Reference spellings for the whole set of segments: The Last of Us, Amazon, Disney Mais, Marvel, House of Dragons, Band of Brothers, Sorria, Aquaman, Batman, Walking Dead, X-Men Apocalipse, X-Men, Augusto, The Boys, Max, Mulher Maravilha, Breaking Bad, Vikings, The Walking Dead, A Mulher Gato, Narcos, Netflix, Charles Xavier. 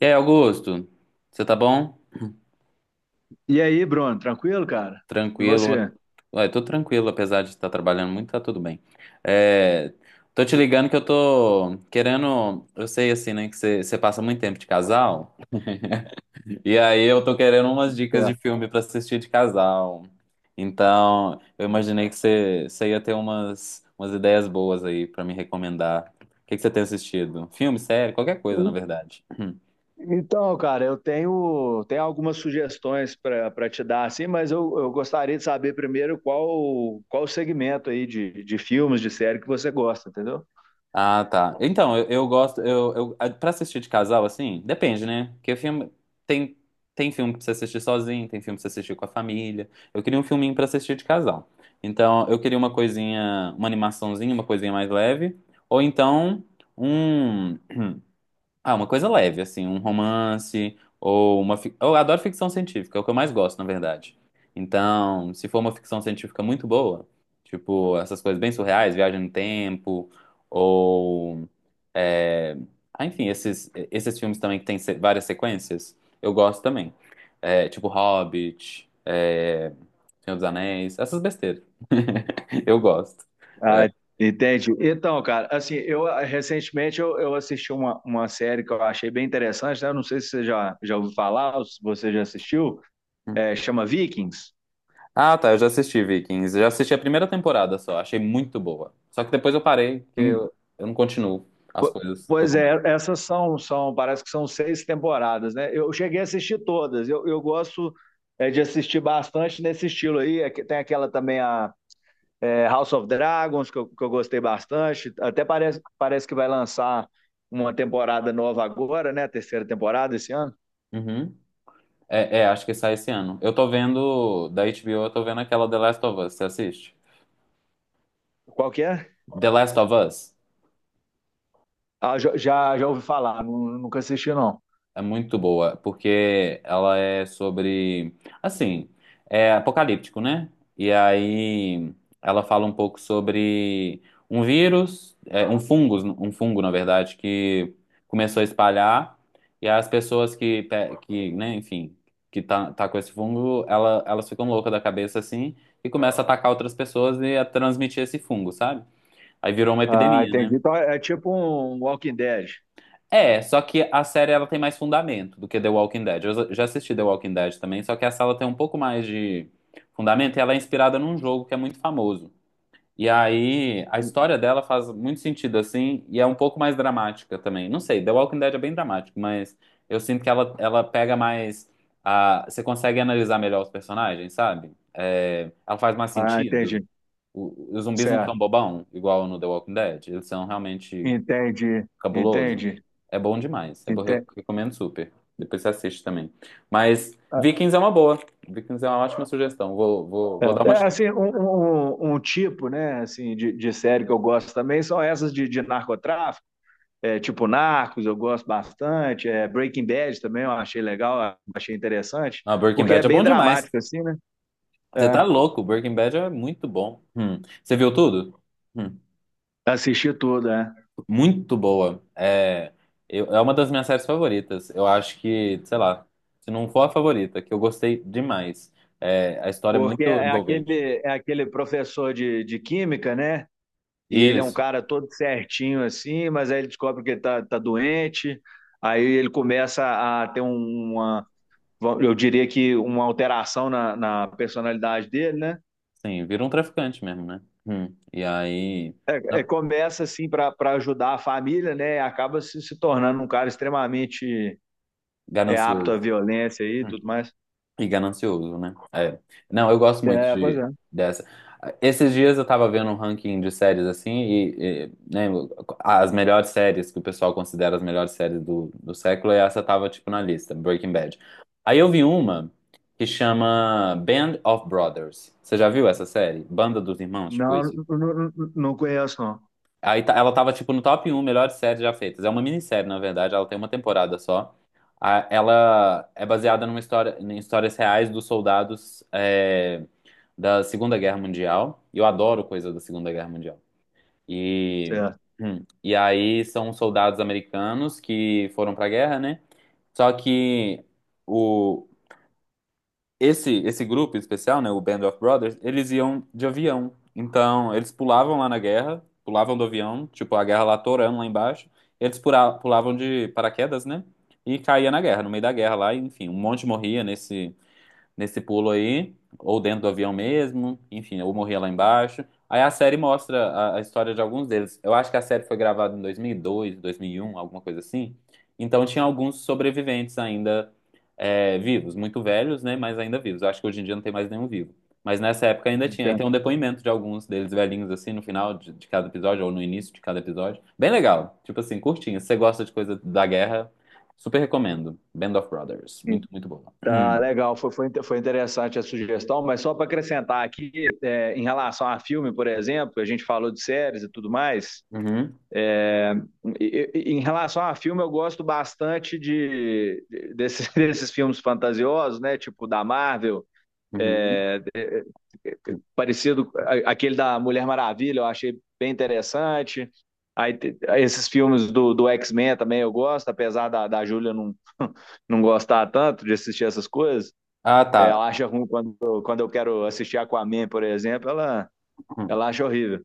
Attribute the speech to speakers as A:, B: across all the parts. A: E aí, Augusto? Você tá bom?
B: E aí, Bruno, tranquilo, cara? E
A: Tranquilo?
B: você?
A: Ué, tô tranquilo, apesar de estar trabalhando muito, tá tudo bem. É, tô te ligando que eu tô querendo. Eu sei, assim, né, que você passa muito tempo de casal. E aí eu tô querendo umas dicas de
B: Certo.
A: filme pra assistir de casal. Então, eu imaginei que você ia ter umas ideias boas aí pra me recomendar. O que que você tem assistido? Filme, série, qualquer coisa, na verdade.
B: Então, cara, eu tenho, tenho algumas sugestões para te dar, assim, mas eu gostaria de saber primeiro qual o segmento aí de filmes, de série que você gosta, entendeu?
A: Ah, tá. Então, eu gosto. Pra assistir de casal, assim, depende, né? Porque filme. Tem, tem filme pra você assistir sozinho, tem filme pra você assistir com a família. Eu queria um filminho pra assistir de casal. Então, eu queria uma coisinha, uma animaçãozinha, uma coisinha mais leve. Ou então, um. Ah, uma coisa leve, assim, um romance ou Eu adoro ficção científica, é o que eu mais gosto, na verdade. Então, se for uma ficção científica muito boa, tipo, essas coisas bem surreais, viagem no tempo, ou. é, enfim, esses filmes também que tem várias sequências, eu gosto também. É, tipo Hobbit, é, Senhor dos Anéis, essas besteiras. Eu gosto. É.
B: Ah, entende? Então, cara, assim, eu recentemente eu assisti uma série que eu achei bem interessante, né? Eu não sei se você já, já ouviu falar, ou se você já assistiu, é, chama Vikings.
A: Ah, tá, eu já assisti Vikings. Já assisti a primeira temporada só, achei muito boa. Só que depois eu parei, porque eu não continuo as
B: Po-
A: coisas que eu
B: Pois é,
A: começo.
B: essas são, são, parece que são seis temporadas, né? Eu cheguei a assistir todas. Eu gosto é, de assistir bastante nesse estilo aí. É que tem aquela também, a é, House of Dragons, que eu gostei bastante. Até parece, parece que vai lançar uma temporada nova agora, né? A terceira temporada esse ano.
A: Uhum. Acho que sai esse ano. Eu tô vendo, da HBO, eu tô vendo aquela The Last of Us, você assiste?
B: Qual que é?
A: The Last of Us?
B: Ah, já, já já ouvi falar, nunca assisti, não.
A: É muito boa, porque ela é sobre, assim, é apocalíptico, né? E aí ela fala um pouco sobre um vírus, é, um fungo, na verdade, que começou a espalhar, e as pessoas que, né, enfim, que tá com esse fungo, elas ficam loucas da cabeça, assim, e começa a atacar outras pessoas e a transmitir esse fungo, sabe? Aí virou uma
B: Ah,
A: epidemia,
B: entendi.
A: né?
B: Então é é tipo um Walking Dead.
A: É, só que a série ela tem mais fundamento do que The Walking Dead. Eu já assisti The Walking Dead também, só que essa ela tem um pouco mais de fundamento e ela é inspirada num jogo que é muito famoso. E aí a história dela faz muito sentido assim e é um pouco mais dramática também. Não sei, The Walking Dead é bem dramático, mas eu sinto que ela pega mais a, você consegue analisar melhor os personagens, sabe? É, ela faz mais
B: Ah,
A: sentido.
B: entendi.
A: Os zumbis não são
B: Certo.
A: bobão, igual no The Walking Dead. Eles são realmente
B: Entendi.
A: cabuloso.
B: Entendi.
A: É bom demais. Eu
B: Entendi.
A: recomendo super. Depois você assiste também. Mas Vikings é uma boa. Vikings é uma ótima sugestão. Vou dar
B: É,
A: uma
B: é,
A: chance.
B: assim, um, um tipo, né, assim, de série que eu gosto também são essas de narcotráfico, é, tipo Narcos, eu gosto bastante, é, Breaking Bad também eu achei legal, achei interessante,
A: Ah, Breaking
B: porque é
A: Bad é
B: bem
A: bom demais.
B: dramático, assim, né?
A: Você tá
B: É,
A: louco. Breaking Bad é muito bom. Hum. Você viu tudo? Hum.
B: assisti tudo, né?
A: Muito boa. É uma das minhas séries favoritas. Eu acho que, sei lá, se não for a favorita, que eu gostei demais. É, a história é
B: Porque
A: muito envolvente.
B: é aquele professor de química, né? E ele é um
A: Isso.
B: cara todo certinho, assim, mas aí ele descobre que ele tá, tá doente, aí ele começa a ter uma eu diria que uma alteração na, na personalidade dele, né?
A: Sim, vira um traficante mesmo, né? Hum. E aí.
B: É, é, começa assim para ajudar a família, né? E acaba se, se tornando um cara extremamente é, apto à
A: Ganancioso.
B: violência e
A: Hum.
B: tudo mais.
A: E ganancioso, né? É. Não, eu gosto muito
B: É, pois é.
A: de, dessa. Esses dias eu tava vendo um ranking de séries assim, e, né, as melhores séries que o pessoal considera as melhores séries do, do século, e essa tava tipo na lista, Breaking Bad. Aí eu vi uma que chama Band of Brothers. Você já viu essa série? Banda dos Irmãos, tipo
B: Não,
A: isso?
B: não, não, não conheço, não.
A: Ela tava, tipo, no top um melhores séries já feitas. É uma minissérie, na verdade, ela tem uma temporada só. Ela é baseada numa história, em histórias reais dos soldados é, da Segunda Guerra Mundial. E eu adoro coisa da Segunda Guerra Mundial. E,
B: Certo.
A: e aí são soldados americanos que foram pra guerra, né? Só que esse grupo especial, né, o Band of Brothers, eles iam de avião. Então, eles pulavam lá na guerra, pulavam do avião, tipo, a guerra lá torando lá embaixo. Eles pulavam de paraquedas, né? E caía na guerra, no meio da guerra lá, e, enfim, um monte morria nesse pulo aí, ou dentro do avião mesmo, enfim, ou morria lá embaixo. Aí a série mostra a história de alguns deles. Eu acho que a série foi gravada em 2002, dois mil e um, alguma coisa assim. Então tinha alguns sobreviventes ainda é, vivos, muito velhos, né, mas ainda vivos. Eu acho que hoje em dia não tem mais nenhum vivo. Mas nessa época ainda tinha. E
B: Entendo.
A: tem um depoimento de alguns deles velhinhos, assim, no final de cada episódio, ou no início de cada episódio. Bem legal. Tipo assim, curtinho. Se você gosta de coisa da guerra, super recomendo. Band of Brothers. Muito, muito boa.
B: Tá legal, foi, foi, foi interessante a sugestão, mas só para acrescentar aqui, é, em relação a filme, por exemplo, a gente falou de séries e tudo mais,
A: Uhum.
B: em relação a filme, eu gosto bastante de, desses, desses filmes fantasiosos, né? Tipo da Marvel,
A: Uhum.
B: é, parecido aquele da Mulher Maravilha, eu achei bem interessante. Aí, esses filmes do, do X-Men também eu gosto, apesar da, da Júlia não, não gostar tanto de assistir essas coisas.
A: Ah,
B: É,
A: tá.
B: ela acha ruim quando, quando eu quero assistir Aquaman, por exemplo, ela,
A: Uhum.
B: ela acha horrível.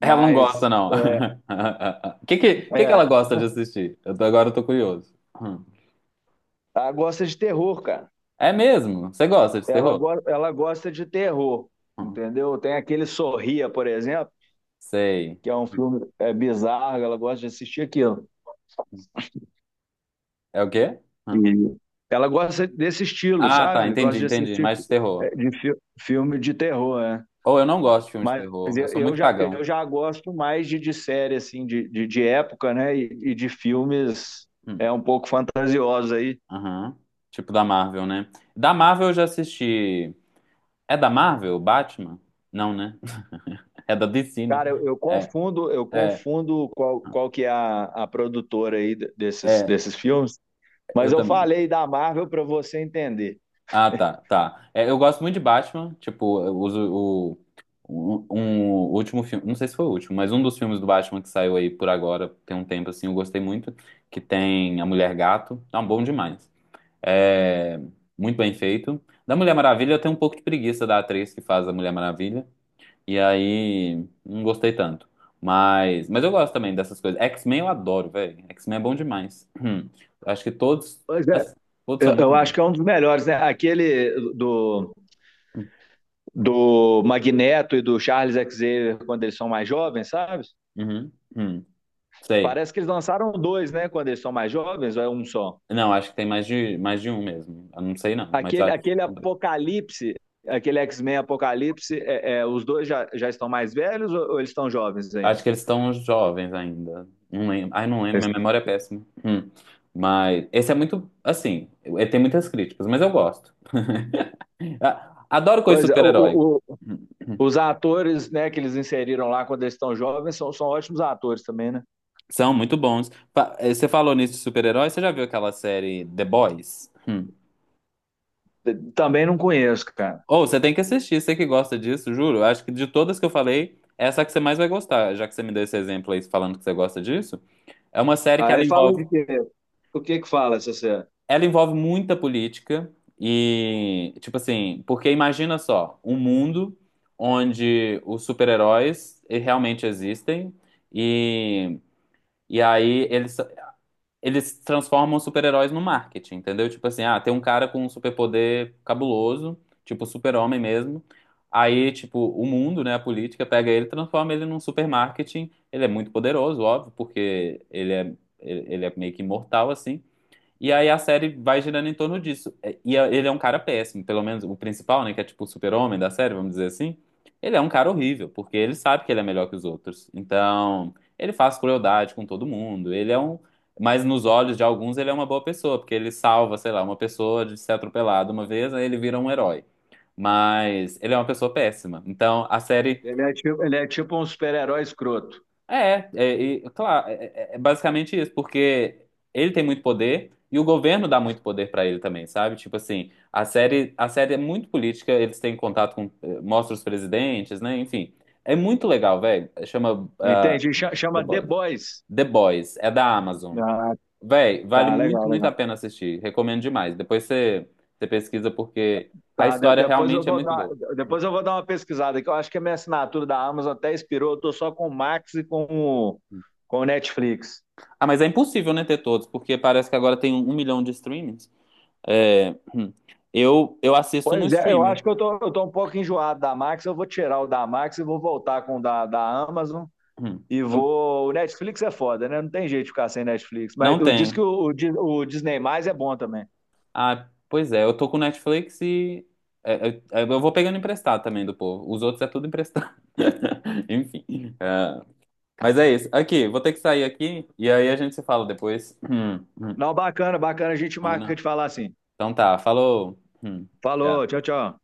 A: Ela não gosta,
B: Mas
A: não. O que que ela
B: é,
A: gosta de assistir? Agora eu tô curioso. Uhum.
B: ela gosta de terror, cara.
A: É mesmo? Você gosta de
B: Ela,
A: terror?
B: ela gosta de terror,
A: Uhum.
B: entendeu? Tem aquele Sorria, por exemplo,
A: Sei.
B: que é um filme é, bizarro, ela gosta de assistir aquilo.
A: Uhum. É o quê? Uhum.
B: E ela gosta desse estilo,
A: Ah, tá.
B: sabe?
A: Entendi,
B: Gosta de
A: entendi.
B: assistir
A: Mais de terror.
B: é, de filme de terror, né?
A: Ou eu não gosto de filmes de
B: Mas
A: terror. Eu
B: eu,
A: sou
B: eu
A: muito
B: já, eu
A: cagão.
B: já gosto mais de série, assim, de época, né? E de filmes
A: Uhum.
B: é, um pouco fantasiosos aí.
A: Aham. Tipo da Marvel, né? Da Marvel eu já assisti. É da Marvel, Batman? Não, né? É da DC, né?
B: Cara, eu
A: É,
B: confundo, eu
A: é,
B: confundo qual, qual que é a produtora aí desses,
A: é.
B: desses filmes. Mas
A: Eu
B: eu
A: também.
B: falei da Marvel para você entender.
A: Tá. É, eu gosto muito de Batman. Tipo, eu uso o, um último filme. Não sei se foi o último, mas um dos filmes do Batman que saiu aí por agora, tem um tempo assim, eu gostei muito. Que tem A Mulher Gato. Tá bom demais. É, muito bem feito. Da Mulher Maravilha, eu tenho um pouco de preguiça da atriz que faz a Mulher Maravilha. E aí, não gostei tanto. Mas eu gosto também dessas coisas. X-Men eu adoro, velho. X-Men é bom demais. Hum. Acho que todos,
B: Pois é,
A: as- Todos são muito
B: eu, acho
A: bons.
B: que é um dos melhores, né? Aquele do, do Magneto e do Charles Xavier quando eles são mais jovens, sabe?
A: Uhum. Uhum. Sei.
B: Parece que eles lançaram dois, né? Quando eles são mais jovens, ou é um só?
A: Não, acho que tem mais de um mesmo. Eu não sei não, mas
B: Aquele,
A: acho que
B: aquele
A: são dois.
B: Apocalipse, aquele X-Men Apocalipse, é, é, os dois já, já estão mais velhos ou eles estão jovens ainda?
A: Acho que eles estão jovens ainda. Não lembro. Ai, não lembro, minha memória é péssima. Hum. Mas esse é muito, assim, ele tem muitas críticas, mas eu gosto. Ah, adoro coisa de
B: Pois é,
A: super-herói.
B: o, os atores né, que eles inseriram lá quando eles estão jovens são, são ótimos atores também, né?
A: São muito bons. Você falou nisso de super-herói, você já viu aquela série The Boys? Hum.
B: Também não conheço, cara.
A: Ou você tem que assistir, você que gosta disso, juro. Acho que de todas que eu falei, essa é a que você mais vai gostar, já que você me deu esse exemplo aí falando que você gosta disso. É uma série que ela
B: Aí fala de
A: envolve,
B: quê? O que que fala, Cessé?
A: Ela envolve muita política e, tipo assim, porque imagina só, um mundo onde os super-heróis realmente existem e, e aí eles transformam os super-heróis no marketing, entendeu? Tipo assim, ah, tem um cara com um superpoder cabuloso, tipo super-homem mesmo. Aí, tipo, o mundo, né, a política, pega ele, e transforma ele num supermarketing. Ele é muito poderoso, óbvio, porque ele é meio que imortal, assim. E aí a série vai girando em torno disso. Ele é um cara péssimo, pelo menos o principal, né, que é tipo o super-homem da série, vamos dizer assim. Ele é um cara horrível, porque ele sabe que ele é melhor que os outros. Então, ele faz crueldade com todo mundo. Ele é um, mas nos olhos de alguns ele é uma boa pessoa, porque ele salva, sei lá, uma pessoa de ser atropelada uma vez, aí ele vira um herói. Mas ele é uma pessoa péssima. Então, a série
B: Ele é tipo um super-herói escroto.
A: é, é, e, claro, é, é- É basicamente isso, porque ele tem muito poder e o governo dá muito poder pra ele também, sabe? Tipo assim, a série é muito política, eles têm contato com, mostra os presidentes, né? Enfim, é muito legal, velho.
B: Entende?
A: The
B: Chama The
A: Boys.
B: Boys.
A: The Boys, é da Amazon.
B: Ah,
A: Véi, vale
B: tá,
A: muito,
B: legal,
A: muito a
B: legal.
A: pena assistir. Recomendo demais. Você pesquisa porque a
B: Tá,
A: história
B: depois eu
A: realmente é
B: vou
A: muito
B: dar,
A: boa.
B: depois eu vou dar uma pesquisada aqui. Eu acho que a minha assinatura da Amazon até expirou. Eu tô só com o Max e com o Netflix.
A: Ah, mas é impossível, né, ter todos, porque parece que agora tem 1 milhão de streamings. É, hum. Eu assisto no
B: Pois é, eu
A: streaming.
B: acho que eu tô um pouco enjoado da Max. Eu vou tirar o da Max e vou voltar com o da, da Amazon.
A: Hum.
B: E
A: Eu-
B: vou. O Netflix é foda, né? Não tem jeito de ficar sem Netflix.
A: não
B: Mas o- diz que
A: tem.
B: o o Disney Mais é bom também.
A: Ah, pois é, eu tô com Netflix e é, eu, eu vou pegando emprestado também do povo. Os outros é tudo emprestado. Enfim. é. Mas é isso. Aqui, vou ter que sair aqui e aí a gente se fala depois.
B: Não, bacana, bacana. A gente marca
A: Combinado?
B: de falar assim.
A: Então tá, falou. Hum. Tchau.
B: Falou, tchau, tchau.